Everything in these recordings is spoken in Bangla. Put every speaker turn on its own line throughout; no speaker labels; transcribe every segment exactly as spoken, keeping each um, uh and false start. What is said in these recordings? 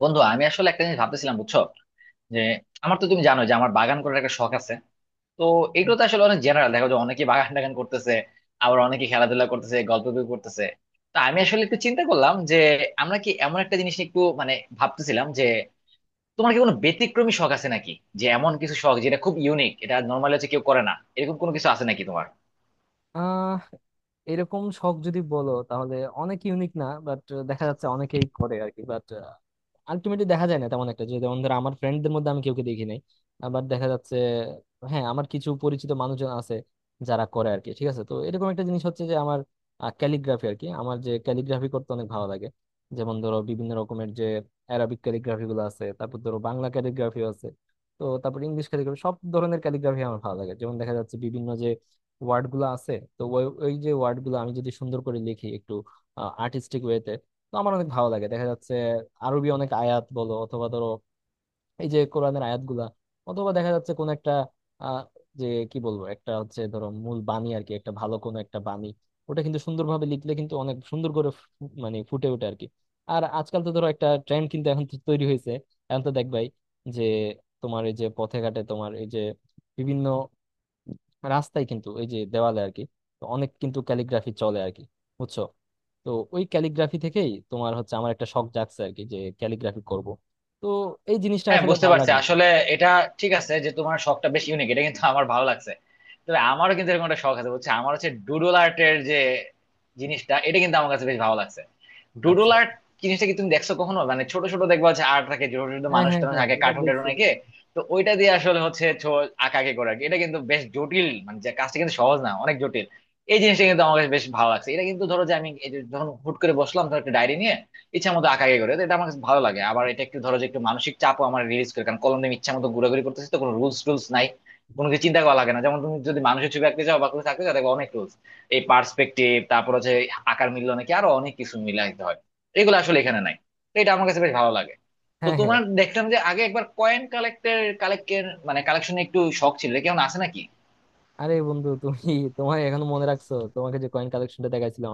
বন্ধু, আমি আসলে একটা জিনিস ভাবতেছিলাম, বুঝছো? যে আমার তো তুমি জানো যে আমার বাগান করার একটা শখ আছে। তো এগুলো তো আসলে অনেক জেনারেল, দেখো যে অনেকে বাগান টাগান করতেছে, আবার অনেকে খেলাধুলা করতেছে, গল্প গুজব করতেছে। তো আমি আসলে একটু চিন্তা করলাম যে আমরা কি এমন একটা জিনিস নিয়ে একটু মানে ভাবতেছিলাম যে তোমার কি কোনো ব্যতিক্রমী শখ আছে নাকি? যে এমন কিছু শখ যেটা খুব ইউনিক, এটা নর্মালি হচ্ছে কেউ করে না, এরকম কোনো কিছু আছে নাকি তোমার?
আহ এরকম শখ যদি বলো তাহলে অনেক ইউনিক না, বাট দেখা যাচ্ছে অনেকেই করে আর কি। বাট আলটিমেটলি দেখা যায় না তেমন একটা, যে যেমন ধরো আমার ফ্রেন্ডদের মধ্যে আমি কেউকে দেখি নাই। আবার দেখা যাচ্ছে হ্যাঁ, আমার কিছু পরিচিত মানুষজন আছে যারা করে আর কি। ঠিক আছে, তো এরকম একটা জিনিস হচ্ছে যে আমার ক্যালিগ্রাফি আর কি, আমার যে ক্যালিগ্রাফি করতে অনেক ভালো লাগে। যেমন ধরো বিভিন্ন রকমের যে অ্যারাবিক ক্যালিগ্রাফি গুলো আছে, তারপর ধরো বাংলা ক্যালিগ্রাফি আছে, তো তারপর ইংলিশ ক্যালিগ্রাফি, সব ধরনের ক্যালিগ্রাফি আমার ভালো লাগে। যেমন দেখা যাচ্ছে বিভিন্ন ওয়ার্ড গুলো আছে, তো ওই ওই যে ওয়ার্ড গুলো আমি যদি সুন্দর করে লিখি একটু আর্টিস্টিক ওয়েতে, তো আমার অনেক ভালো লাগে। দেখা যাচ্ছে আরবি অনেক আয়াত বলো অথবা ধরো এই যে কোরআনের আয়াত গুলা, অথবা দেখা যাচ্ছে কোন একটা আহ, যে কি বলবো, একটা হচ্ছে ধরো মূল বাণী আর কি, একটা ভালো কোনো একটা বাণী, ওটা কিন্তু সুন্দরভাবে লিখলে কিন্তু অনেক সুন্দর করে ফু- মানে ফুটে ওঠে আর কি। আর আজকাল তো ধরো একটা ট্রেন্ড কিন্তু এখন তো তৈরি হয়েছে, এখন তো দেখবাই যে তোমার এই যে পথে ঘাটে, তোমার এই যে বিভিন্ন রাস্তায় কিন্তু এই যে দেওয়ালে আর কি, তো অনেক কিন্তু ক্যালিগ্রাফি চলে আর কি, বুঝছো? তো ওই ক্যালিগ্রাফি থেকেই তোমার হচ্ছে আমার একটা শখ জাগছে আর কি, যে ক্যালিগ্রাফি করব। তো এই জিনিসটা
হ্যাঁ,
আসলে
বুঝতে
ভালো
পারছি
লাগে আর কি।
আসলে। এটা ঠিক আছে যে তোমার শখটা বেশ ইউনিক, এটা কিন্তু আমার ভালো লাগছে। তবে আমারও কিন্তু এরকম একটা শখ আছে, বুঝছো? আমার হচ্ছে ডুডল আর্টের যে জিনিসটা, এটা কিন্তু আমার কাছে বেশ ভালো লাগছে। ডুডল
আচ্ছা।
আর্ট জিনিসটা কি তুমি দেখছো কখনো? মানে ছোট ছোট দেখবা হচ্ছে আর্ট থাকে, ছোট ছোট
হ্যাঁ
মানুষ
হ্যাঁ
টানুষ
হ্যাঁ,
আঁকে,
এটা
কার্টুন
দেখছি।
টার্টুন আঁকে। তো ওইটা দিয়ে আসলে হচ্ছে ছো- আঁকাআঁকি করে আর কি। এটা কিন্তু বেশ জটিল, মানে যে কাজটা কিন্তু সহজ না, অনেক জটিল। এই জিনিসটা কিন্তু আমার কাছে বেশ ভালো লাগছে। এটা কিন্তু ধরো যে আমি এই যে যখন হুট করে বসলাম, ধর একটা ডায়েরি নিয়ে ইচ্ছা মতো আঁকাআঁকি করে, তো এটা আমার কাছে ভালো লাগে। আবার এটা একটু ধরো যে একটু মানসিক চাপও আমার রিলিজ করে, কারণ কলম দিয়ে আমি ইচ্ছা মতো ঘোরাঘুরি করতেছি, তো কোনো রুলস টুলস নাই। কোনো কিছু চিন্তা করা লাগে না। যেমন তুমি যদি মানুষের ছবি আঁকতে যাও বা কোনো থাকতে যাও, দেখবে অনেক রুলস, এই পার্সপেক্টিভ, তারপর হচ্ছে আকার মিলল নাকি, আরো অনেক কিছু মিলে আঁকতে হয়। এগুলো আসলে এখানে নাই। তো এটা আমার কাছে বেশ ভালো লাগে। তো
হ্যাঁ হ্যাঁ।
তোমার দেখলাম যে আগে একবার কয়েন কালেক্টের কালেক্টের মানে কালেকশনে একটু শখ ছিল, কেমন আছে নাকি?
আরে বন্ধু, তুমি তোমার এখনো মনে রাখছো তোমাকে যে কয়েন কালেকশনটা দেখাইছিলাম।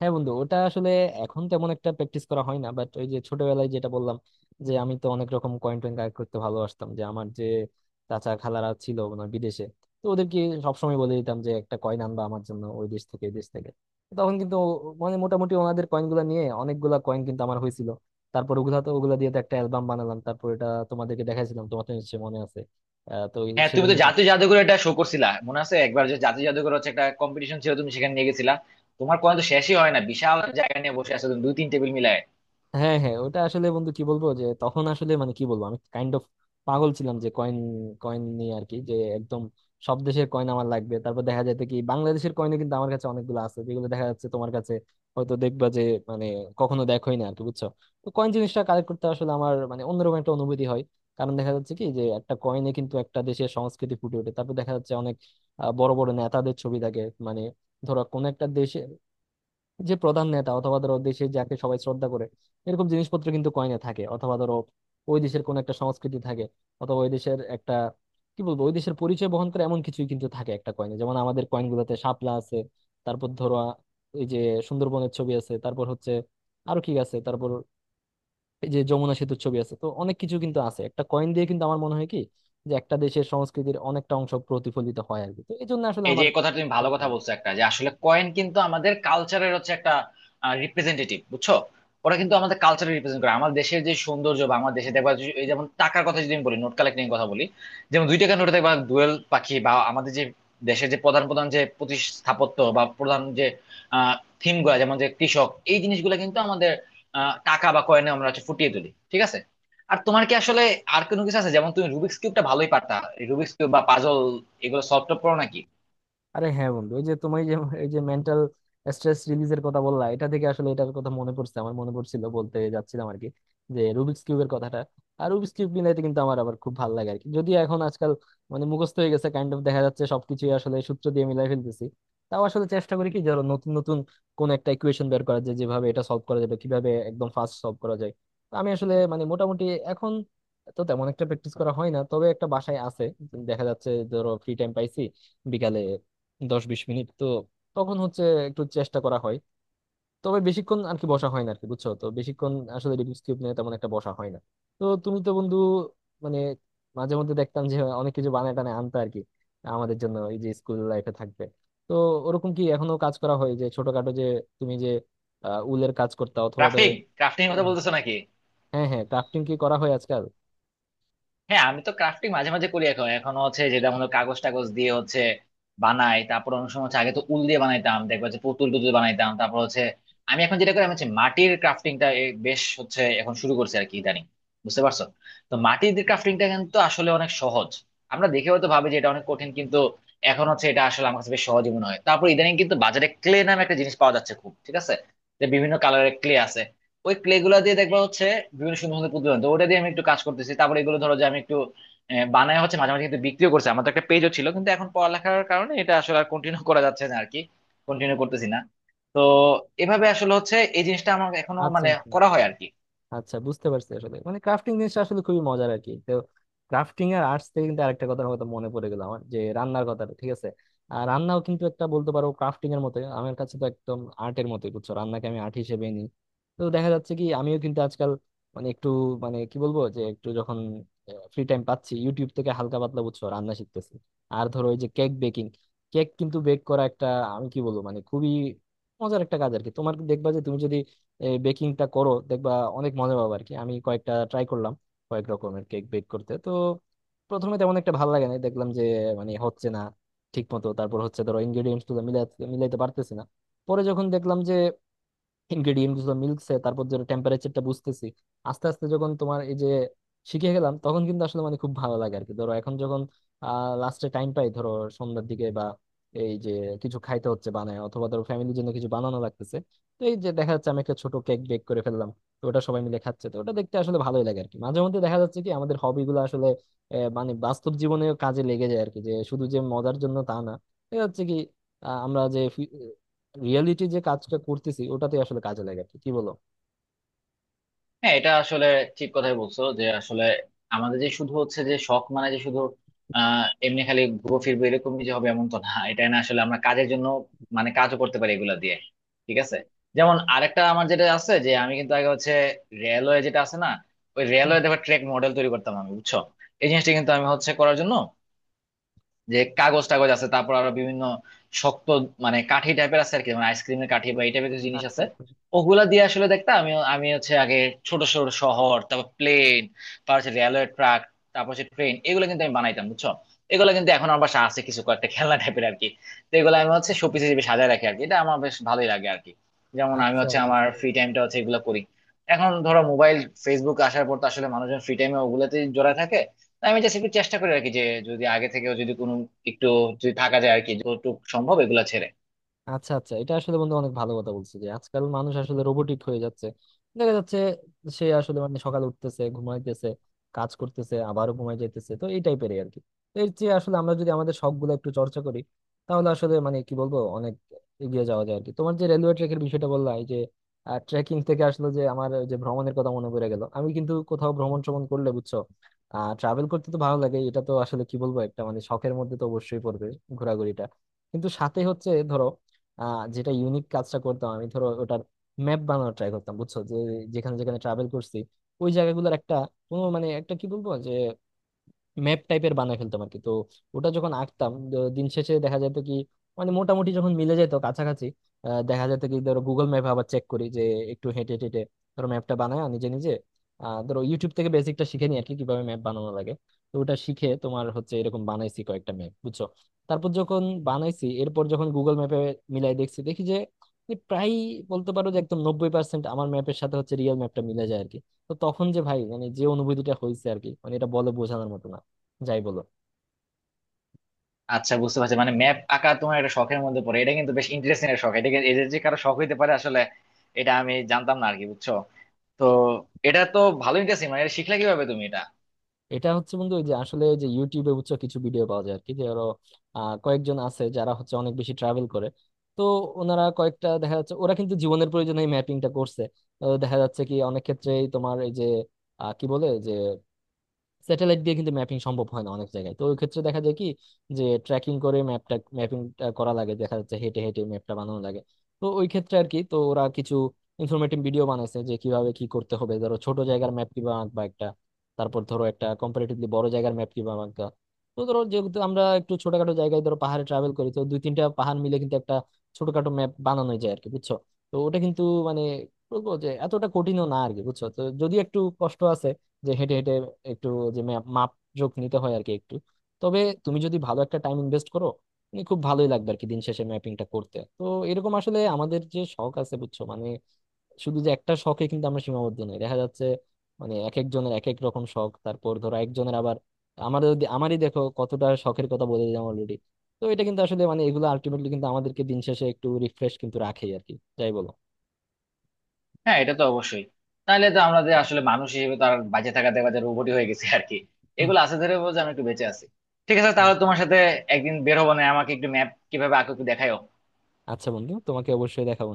হ্যাঁ বন্ধু, ওটা আসলে এখন তেমন একটা প্র্যাকটিস করা হয় না, বাট ওই যে ছোটবেলায় যেটা বললাম, যে আমি তো অনেক রকম কয়েন টয়েন কালেক্ট করতে ভালোবাসতাম। যে আমার যে চাচা খালারা ছিল ওনার বিদেশে, তো ওদেরকে সবসময় বলে দিতাম যে একটা কয়েন আনবা আমার জন্য ওই দেশ থেকে, এই দেশ থেকে। তখন কিন্তু ও- মানে মোটামুটি ওনাদের কয়েনগুলো নিয়ে অনেকগুলা কয়েন কিন্তু আমার হয়েছিল। তারপর ওগুলা তো ওগুলা দিয়ে তো একটা অ্যালবাম বানালাম, তারপর এটা তোমাদেরকে দেখাইছিলাম, তোমার তো নিশ্চয়ই মনে আছে। আহ তো এই-
হ্যাঁ, তুমি
সেজন্য।
তো জাতীয় জাদুঘরে এটা শো করছিলা, মনে আছে একবার যে জাতীয় জাদুঘর হচ্ছে একটা কম্পিটিশন ছিল, তুমি সেখানে নিয়ে গেছিলা। তোমার কয়েন তো শেষই হয় না, বিশাল জায়গা নিয়ে বসে আছো তুমি, দুই তিন টেবিল মিলায়।
হ্যাঁ হ্যাঁ, ওটা আসলে বন্ধু কি বলবো, যে তখন আসলে মানে কি বলবো, আমি কাইন্ড অফ পাগল ছিলাম যে কয়েন কয়েন নিয়ে আর কি, যে একদম সব দেশের কয়েন আমার লাগবে। তারপর দেখা যেত কি বাংলাদেশের কয়েনও কিন্তু আমার কাছে অনেকগুলো আছে যেগুলো দেখা যাচ্ছে তোমার কাছে হয়তো দেখবা যে মানে কখনো দেখোই না আর কি, বুঝছো? তো কয়েন জিনিসটা কালেক্ট করতে আসলে আমার মানে অন্যরকম একটা অনুভূতি হয়। কারণ দেখা যাচ্ছে কি, যে একটা কয়েনে কিন্তু একটা দেশের সংস্কৃতি ফুটে ওঠে। তারপর দেখা যাচ্ছে অনেক আহ, বড় বড় নেতাদের ছবি থাকে। মানে ধরো কোন একটা দেশে যে প্রধান নেতা, অথবা ধরো দেশে যাকে সবাই শ্রদ্ধা করে, এরকম জিনিসপত্র কিন্তু কয়েনে থাকে। অথবা ধরো ওই দেশের কোন একটা সংস্কৃতি থাকে, অথবা ওই দেশের একটা কি বলবো, ওই দেশের পরিচয় বহন করে এমন কিছুই কিন্তু থাকে একটা কয়েনে। যেমন আমাদের কয়েন গুলোতে শাপলা আছে, তারপর ধরো আ, এই যে সুন্দরবনের ছবি আছে, তারপর হচ্ছে আরো কি আছে, তারপর এই যে যমুনা সেতুর ছবি আছে। তো অনেক কিছু কিন্তু আছে একটা কয়েন দিয়ে। কিন্তু আমার মনে হয় কি, যে একটা দেশের সংস্কৃতির অনেকটা অংশ প্রতিফলিত হয় আর কি, তো এই জন্য আসলে
এই যে
আমার।
এই কথা তুমি ভালো কথা বলছো একটা, যে আসলে কয়েন কিন্তু আমাদের কালচারের হচ্ছে একটা রিপ্রেজেন্টেটিভ, বুঝছো? ওরা কিন্তু আমাদের কালচারের রিপ্রেজেন্ট করে, আমার দেশের যে সৌন্দর্য বা আমার দেশে দেখবা যে- এই যেমন টাকার কথা যদি আমি বলি, নোট কালেক্টিং কথা বলি, যেমন দুই টাকার নোটে দেখবা দোয়েল পাখি, বা আমাদের যে দেশের যে প্রধান প্রধান যে প্রতি স্থাপত্য বা প্রধান যে থিম গুলা, যেমন যে কৃষক, এই জিনিসগুলো কিন্তু আমাদের আহ, টাকা বা কয়েনে আমরা হচ্ছে ফুটিয়ে তুলি। ঠিক আছে, আর তোমার কি আসলে আর কোনো কিছু আছে? যেমন তুমি রুবিক্স কিউবটা ভালোই পারতা, রুবিক্স কিউব বা পাজল, এগুলো সলভ টলভ করো নাকি?
আরে হ্যাঁ বন্ধু, ওই যে তুমি যে এই যে মেন্টাল স্ট্রেস রিলিজের কথা বললা, এটা থেকে আসলে এটার কথা মনে পড়ছে, আমার মনে পড়ছিল বলতে যাচ্ছিলাম আর কি, যে রুবিক্স কিউবের কথাটা। আর রুবিক্স কিউব মিলাইতে কিন্তু আমার আবার খুব ভালো লাগে আর কি, যদিও এখন আজকাল মানে মুখস্থ হয়ে গেছে কাইন্ড অফ। দেখা যাচ্ছে সবকিছুই আসলে সূত্র দিয়ে মিলাই ফেলতেছি। তাও আসলে চেষ্টা করি কি ধরো, নতুন নতুন কোন একটা ইকুয়েশন বের করা যায় যেভাবে এটা সলভ করা যাবে, কিভাবে একদম ফাস্ট সলভ করা যায়। তো আমি আসলে মানে মোটামুটি এখন তো তেমন একটা প্র্যাকটিস করা হয় না, তবে একটা বাসায় আছে। দেখা যাচ্ছে ধরো ফ্রি টাইম পাইছি বিকালে, দশ বিশ মিনিট, তো তখন হচ্ছে একটু চেষ্টা করা হয়। তবে বেশিক্ষণ আর কি বসা হয় না আর কি, বুঝছো? তো বেশিক্ষণ আসলে রিডিউস কিউব নিয়ে তেমন একটা বসা হয় না। তো তুমি তো বন্ধু, মানে মাঝে মধ্যে দেখতাম যে অনেক কিছু বানায় টানায় আনতে আর কি, আমাদের জন্য এই যে স্কুল লাইফে থাকবে। তো ওরকম কি এখনো কাজ করা হয়, যে ছোটখাটো যে তুমি যে আহ, উলের কাজ করতা, অথবা ধরো?
ক্রাফটিং, ক্রাফটিং এর কথা বলতেছো নাকি?
হ্যাঁ হ্যাঁ, ক্রাফটিং কি করা হয় আজকাল?
হ্যাঁ, আমি তো ক্রাফটিং মাঝে মাঝে করি এখন। এখন হচ্ছে যেটা, মনে করো কাগজ টাগজ দিয়ে হচ্ছে বানাই, তারপর অনেক সময় হচ্ছে আগে তো উল দিয়ে বানাইতাম, দেখবা যে পুতুল টুতুল বানাইতাম, তারপর হচ্ছে আমি এখন যেটা করি, আমি হচ্ছে মাটির ক্রাফটিংটা বেশ হচ্ছে এখন শুরু করছি আর কি, ইদানিং, বুঝতে পারছো? তো মাটির ক্রাফটিংটা কিন্তু আসলে অনেক সহজ। আমরা দেখে হয়তো ভাবি যে এটা অনেক কঠিন, কিন্তু এখন হচ্ছে এটা আসলে আমার কাছে বেশ সহজই মনে হয়। তারপর ইদানিং কিন্তু বাজারে ক্লে নামে একটা জিনিস পাওয়া যাচ্ছে খুব, ঠিক আছে? যে বিভিন্ন কালারের ক্লে আছে, ওই ক্লে গুলা দিয়ে দেখবা হচ্ছে বিভিন্ন সুন্দর সুন্দর পুতুল বানাতো। ওটা দিয়ে আমি একটু কাজ করতেছি। তারপরে এগুলো ধরো যে আমি একটু আহ, বানায় হচ্ছে মাঝে মাঝে কিন্তু বিক্রিও করছে। আমার তো একটা পেজও ছিল, কিন্তু এখন পড়ালেখার কারণে এটা আসলে আর কন্টিনিউ করা যাচ্ছে না আর কি, কন্টিনিউ করতেছি না। তো এভাবে আসলে হচ্ছে এই জিনিসটা আমার এখনো
আচ্ছা
মানে
আচ্ছা।
করা হয় আর কি।
আচ্ছা বুঝতে পারছি, আসলে মানে ক্রাফটিং জিনিসটা আসলে খুবই মজার আর কি। তো ক্রাফটিং আর আর্টস থেকে কিন্তু আরেকটা কথা হয়তো মনে পড়ে গেল আমার, যে রান্নার কথাটা। ঠিক আছে, আর রান্নাও কিন্তু একটা বলতে পারো ক্রাফটিং এর মতো, আমার কাছে তো একদম আর্টের মতোই, বুঝছো? রান্নাকে আমি আর্ট হিসেবে নিই। তো দেখা যাচ্ছে কি আমিও কিন্তু আজকাল মানে একটু মানে কি বলবো, যে একটু যখন ফ্রি টাইম পাচ্ছি, ইউটিউব থেকে হালকা পাতলা বুঝছো রান্না শিখতেছি। আর ধরো ওই যে কেক বেকিং, কেক কিন্তু বেক করা একটা, আমি কি বলবো মানে খুবই মজার একটা কাজ আর কি। তোমার দেখবা যে তুমি যদি এই বেকিংটা করো, দেখবা অনেক মজা পাবো আর কি। আমি কয়েকটা ট্রাই করলাম কয়েক রকমের কেক বেক করতে। তো প্রথমে তেমন একটা ভালো লাগে না, দেখলাম যে মানে হচ্ছে না ঠিক মতো। তারপর হচ্ছে ধরো ইনগ্রেডিয়েন্টস গুলো মিলাতে মিলাইতে পারতেছি না। পরে যখন দেখলাম যে ইনগ্রেডিয়েন্ট গুলো মিলছে, তারপর যে টেম্পারেচারটা বুঝতেছি আস্তে আস্তে, যখন তোমার এই যে শিখে গেলাম, তখন কিন্তু আসলে মানে খুব ভালো লাগে আর কি। ধরো এখন যখন আহ লাস্টে টাইম পাই, ধরো সন্ধ্যার দিকে বা এই যে কিছু খাইতে হচ্ছে বানায়, অথবা ধরো ফ্যামিলির জন্য কিছু বানানো লাগতেছে, তো এই যে দেখা যাচ্ছে আমি একটা ছোট কেক বেক করে ফেললাম, তো ওটা সবাই মিলে খাচ্ছে, তো ওটা দেখতে আসলে ভালোই লাগে আর কি। মাঝে মধ্যে দেখা যাচ্ছে কি আমাদের হবি গুলো আসলে আহ, মানে বাস্তব জীবনেও কাজে লেগে যায় আর কি, যে শুধু যে মজার জন্য তা না। দেখা যাচ্ছে কি আহ, আমরা যে রিয়েলিটি যে কাজটা করতেছি, ওটাতে আসলে কাজে লাগে আর কি, কি বলো?
হ্যাঁ, এটা আসলে ঠিক কথাই বলছো, যে আসলে আমাদের যে শুধু হচ্ছে যে শখ, মানে যে শুধু আহ এমনি খালি ঘুরো ফিরবো এরকমই যে হবে এমন তো না, এটা না। আসলে আমরা কাজের জন্য মানে কাজও করতে পারি এগুলা দিয়ে, ঠিক আছে? যেমন আরেকটা আমার যেটা আছে, যে আমি কিন্তু আগে হচ্ছে রেলওয়ে, যেটা আছে না, ওই
হুম।
রেলওয়ে, দেখো ট্রেক মডেল তৈরি করতাম আমি, বুঝছো? এই জিনিসটা কিন্তু আমি হচ্ছে করার জন্য যে কাগজ টাগজ আছে, তারপর আরো বিভিন্ন শক্ত মানে কাঠি টাইপের আছে আর কি, মানে আইসক্রিমের কাঠি বা এই টাইপের কিছু জিনিস
আচ্ছা,
আছে,
আচ্ছা, বুঝতে
ওগুলা দিয়ে আসলে দেখতাম, আমি আমি হচ্ছে আগে ছোট ছোট শহর, তারপর প্লেন, তারপর হচ্ছে রেলওয়ে ট্রাক, তারপর হচ্ছে ট্রেন, এগুলো কিন্তু আমি বানাইতাম, বুঝছো? এগুলো কিন্তু এখন আমার বাসায় আছে কিছু কয়েকটা, খেলনা টাইপের আর কি। তো এগুলো আমি হচ্ছে
পেরেছি।
শোপিস হিসেবে সাজায় রাখি আর কি, এটা আমার বেশ ভালোই লাগে আর কি। যেমন আমি
আচ্ছা
হচ্ছে আমার
বুঝতে
ফ্রি
পারলাম।
টাইমটা হচ্ছে এগুলো করি। এখন ধরো মোবাইল, ফেসবুক আসার পর তো আসলে মানুষজন ফ্রি টাইমে ওগুলোতে জড়ায় থাকে। আমি জাস্ট একটু চেষ্টা করি আর কি, যে যদি আগে থেকেও যদি কোনো একটু, যদি থাকা যায় আর কি, যতটুকু সম্ভব এগুলা ছেড়ে।
আচ্ছা আচ্ছা, এটা আসলে বন্ধু অনেক ভালো কথা বলছে, যে আজকাল মানুষ আসলে রোবোটিক হয়ে যাচ্ছে। দেখা যাচ্ছে সে আসলে মানে সকালে উঠতেছে, ঘুমাইতেছে, কাজ করতেছে, আবারও ঘুমাই যাইতেছে, তো এই টাইপের আর কি। তো এর চেয়ে আসলে আমরা যদি আমাদের শখ গুলো একটু চর্চা করি, তাহলে আসলে মানে কি বলবো অনেক এগিয়ে যাওয়া যায় আর কি। তোমার যে রেলওয়ে ট্র্যাকের বিষয়টা বললা, এই যে ট্রেকিং থেকে আসলে যে আমার ওই যে ভ্রমণের কথা মনে পড়ে গেল। আমি কিন্তু কোথাও ভ্রমণ শ্রমণ করলে বুঝছো, আহ ট্রাভেল করতে তো ভালো লাগে, এটা তো আসলে কি বলবো একটা মানে শখের মধ্যে তো অবশ্যই পড়বে, ঘোরাঘুরিটা। কিন্তু সাথে হচ্ছে ধরো আহ, যেটা ইউনিক কাজটা করতাম আমি, ধরো ওটার ম্যাপ বানানোর ট্রাই করতাম, বুঝছো? যে যেখানে যেখানে ট্রাভেল করছি, ওই জায়গাগুলোর একটা কোনো মানে একটা কি বলবো যে ম্যাপ টাইপের বানায় ফেলতাম আর কি। তো ওটা যখন আঁকতাম, দ- দিন শেষে দেখা যেত কি মানে মোটামুটি যখন মিলে যেত কাছাকাছি। আহ, দেখা যেত কি ধরো গুগল ম্যাপে আবার চেক করি, যে একটু হেঁটে হেঁটে ধরো ম্যাপটা বানায় নিজে নিজে। আহ ধরো ইউটিউব থেকে বেসিকটা শিখে নিই আর কি, কিভাবে ম্যাপ বানানো লাগে। তো ওটা শিখে তোমার হচ্ছে এরকম বানাইছি কয়েকটা ম্যাপ, বুঝছো? তারপর যখন বানাইছি, এরপর যখন গুগল ম্যাপে মিলাই দেখছি, দেখি যে প্রায় বলতে পারো যে একদম নব্বই পার্সেন্ট আমার ম্যাপের সাথে হচ্ছে রিয়েল ম্যাপটা মিলে যায় আর কি। তো তখন যে ভাই মানে যে অনুভূতিটা হয়েছে আর কি, মানে এটা বলে বোঝানোর মতো না। যাই বলো।
আচ্ছা, বুঝতে পারছি, মানে ম্যাপ আঁকা তোমার একটা শখের মধ্যে পড়ে, এটা কিন্তু বেশ ইন্টারেস্টিং একটা শখ। এটা কি- এদের যে কারো শখ হইতে পারে আসলে, এটা আমি জানতাম না আর কি, বুঝছো? তো এটা তো ভালো ইন্টারেস্টিং, মানে এটা শিখলে কিভাবে তুমি এটা?
এটা হচ্ছে বন্ধু ওই যে আসলে ওই যে ইউটিউবে বুঝছো কিছু ভিডিও পাওয়া যায় আর কি, যে আরো আহ, কয়েকজন আছে যারা হচ্ছে অনেক বেশি ট্রাভেল করে। তো ওনারা কয়েকটা দেখা যাচ্ছে ওরা কিন্তু জীবনের প্রয়োজনে এই ম্যাপিংটা করছে। তো দেখা যাচ্ছে কি অনেক ক্ষেত্রেই তোমার এই যে আহ, কি বলে যে স্যাটেলাইট দিয়ে কিন্তু ম্যাপিং সম্ভব হয় না অনেক জায়গায়। তো ওই ক্ষেত্রে দেখা যায় কি যে ট্র্যাকিং করে ম্যাপটা ম্যাপিংটা করা লাগে, দেখা যাচ্ছে হেঁটে হেঁটে ম্যাপটা বানানো লাগে। তো ওই ক্ষেত্রে আর কি, তো ওরা কিছু ইনফরমেটিভ ভিডিও বানাইছে যে কিভাবে কি করতে হবে, ধরো ছোট জায়গার ম্যাপ কিভাবে আঁকবা একটা, তারপর ধরো একটা কম্পারেটিভলি বড় জায়গার ম্যাপ কিভাবে আঁকবা। তো ধরো যেহেতু আমরা একটু ছোটখাটো জায়গায় ধরো পাহাড়ে ট্রাভেল করি, তো দুই তিনটা পাহাড় মিলে কিন্তু একটা ছোটখাটো ম্যাপ বানানো যায় আর কি, বুঝছো? তো ওটা কিন্তু মানে বলবো যে এতটা কঠিনও না আর কি, বুঝছো? তো যদি একটু কষ্ট আছে, যে হেঁটে হেঁটে একটু যে ম্যা- মাপ যোগ নিতে হয় আর কি একটু। তবে তুমি যদি ভালো একটা টাইম ইনভেস্ট করো, তুমি খুব ভালোই লাগবে আর কি দিন শেষে ম্যাপিংটা করতে। তো এরকম আসলে আমাদের যে শখ আছে বুঝছো, মানে শুধু যে একটা শখে কিন্তু আমরা সীমাবদ্ধ নই। দেখা যাচ্ছে মানে এক একজনের এক এক রকম শখ। তারপর ধরো একজনের আবার আমাদের, আমারই দেখো কতটা শখের কথা বলে দিলাম অলরেডি। তো এটা কিন্তু আসলে মানে এগুলো আলটিমেটলি কিন্তু আমাদেরকে দিন শেষে একটু রিফ্রেশ কিন্তু রাখে আর কি, যাই বলো।
হ্যাঁ, এটা তো অবশ্যই। তাহলে তো আমরা যে আসলে মানুষ হিসেবে তো আর বাঁচে থাকাতে বা রোবটই হয়ে গেছে আর কি।
হুম।
এগুলো আছে ধরে বলছে আমি একটু বেঁচে আছি। ঠিক আছে, তাহলে তোমার সাথে একদিন বের হবো না, আমাকে একটু ম্যাপ কিভাবে আঁকো একটু দেখাও।
আচ্ছা বন্ধু, তোমাকে অবশ্যই দেখাবো।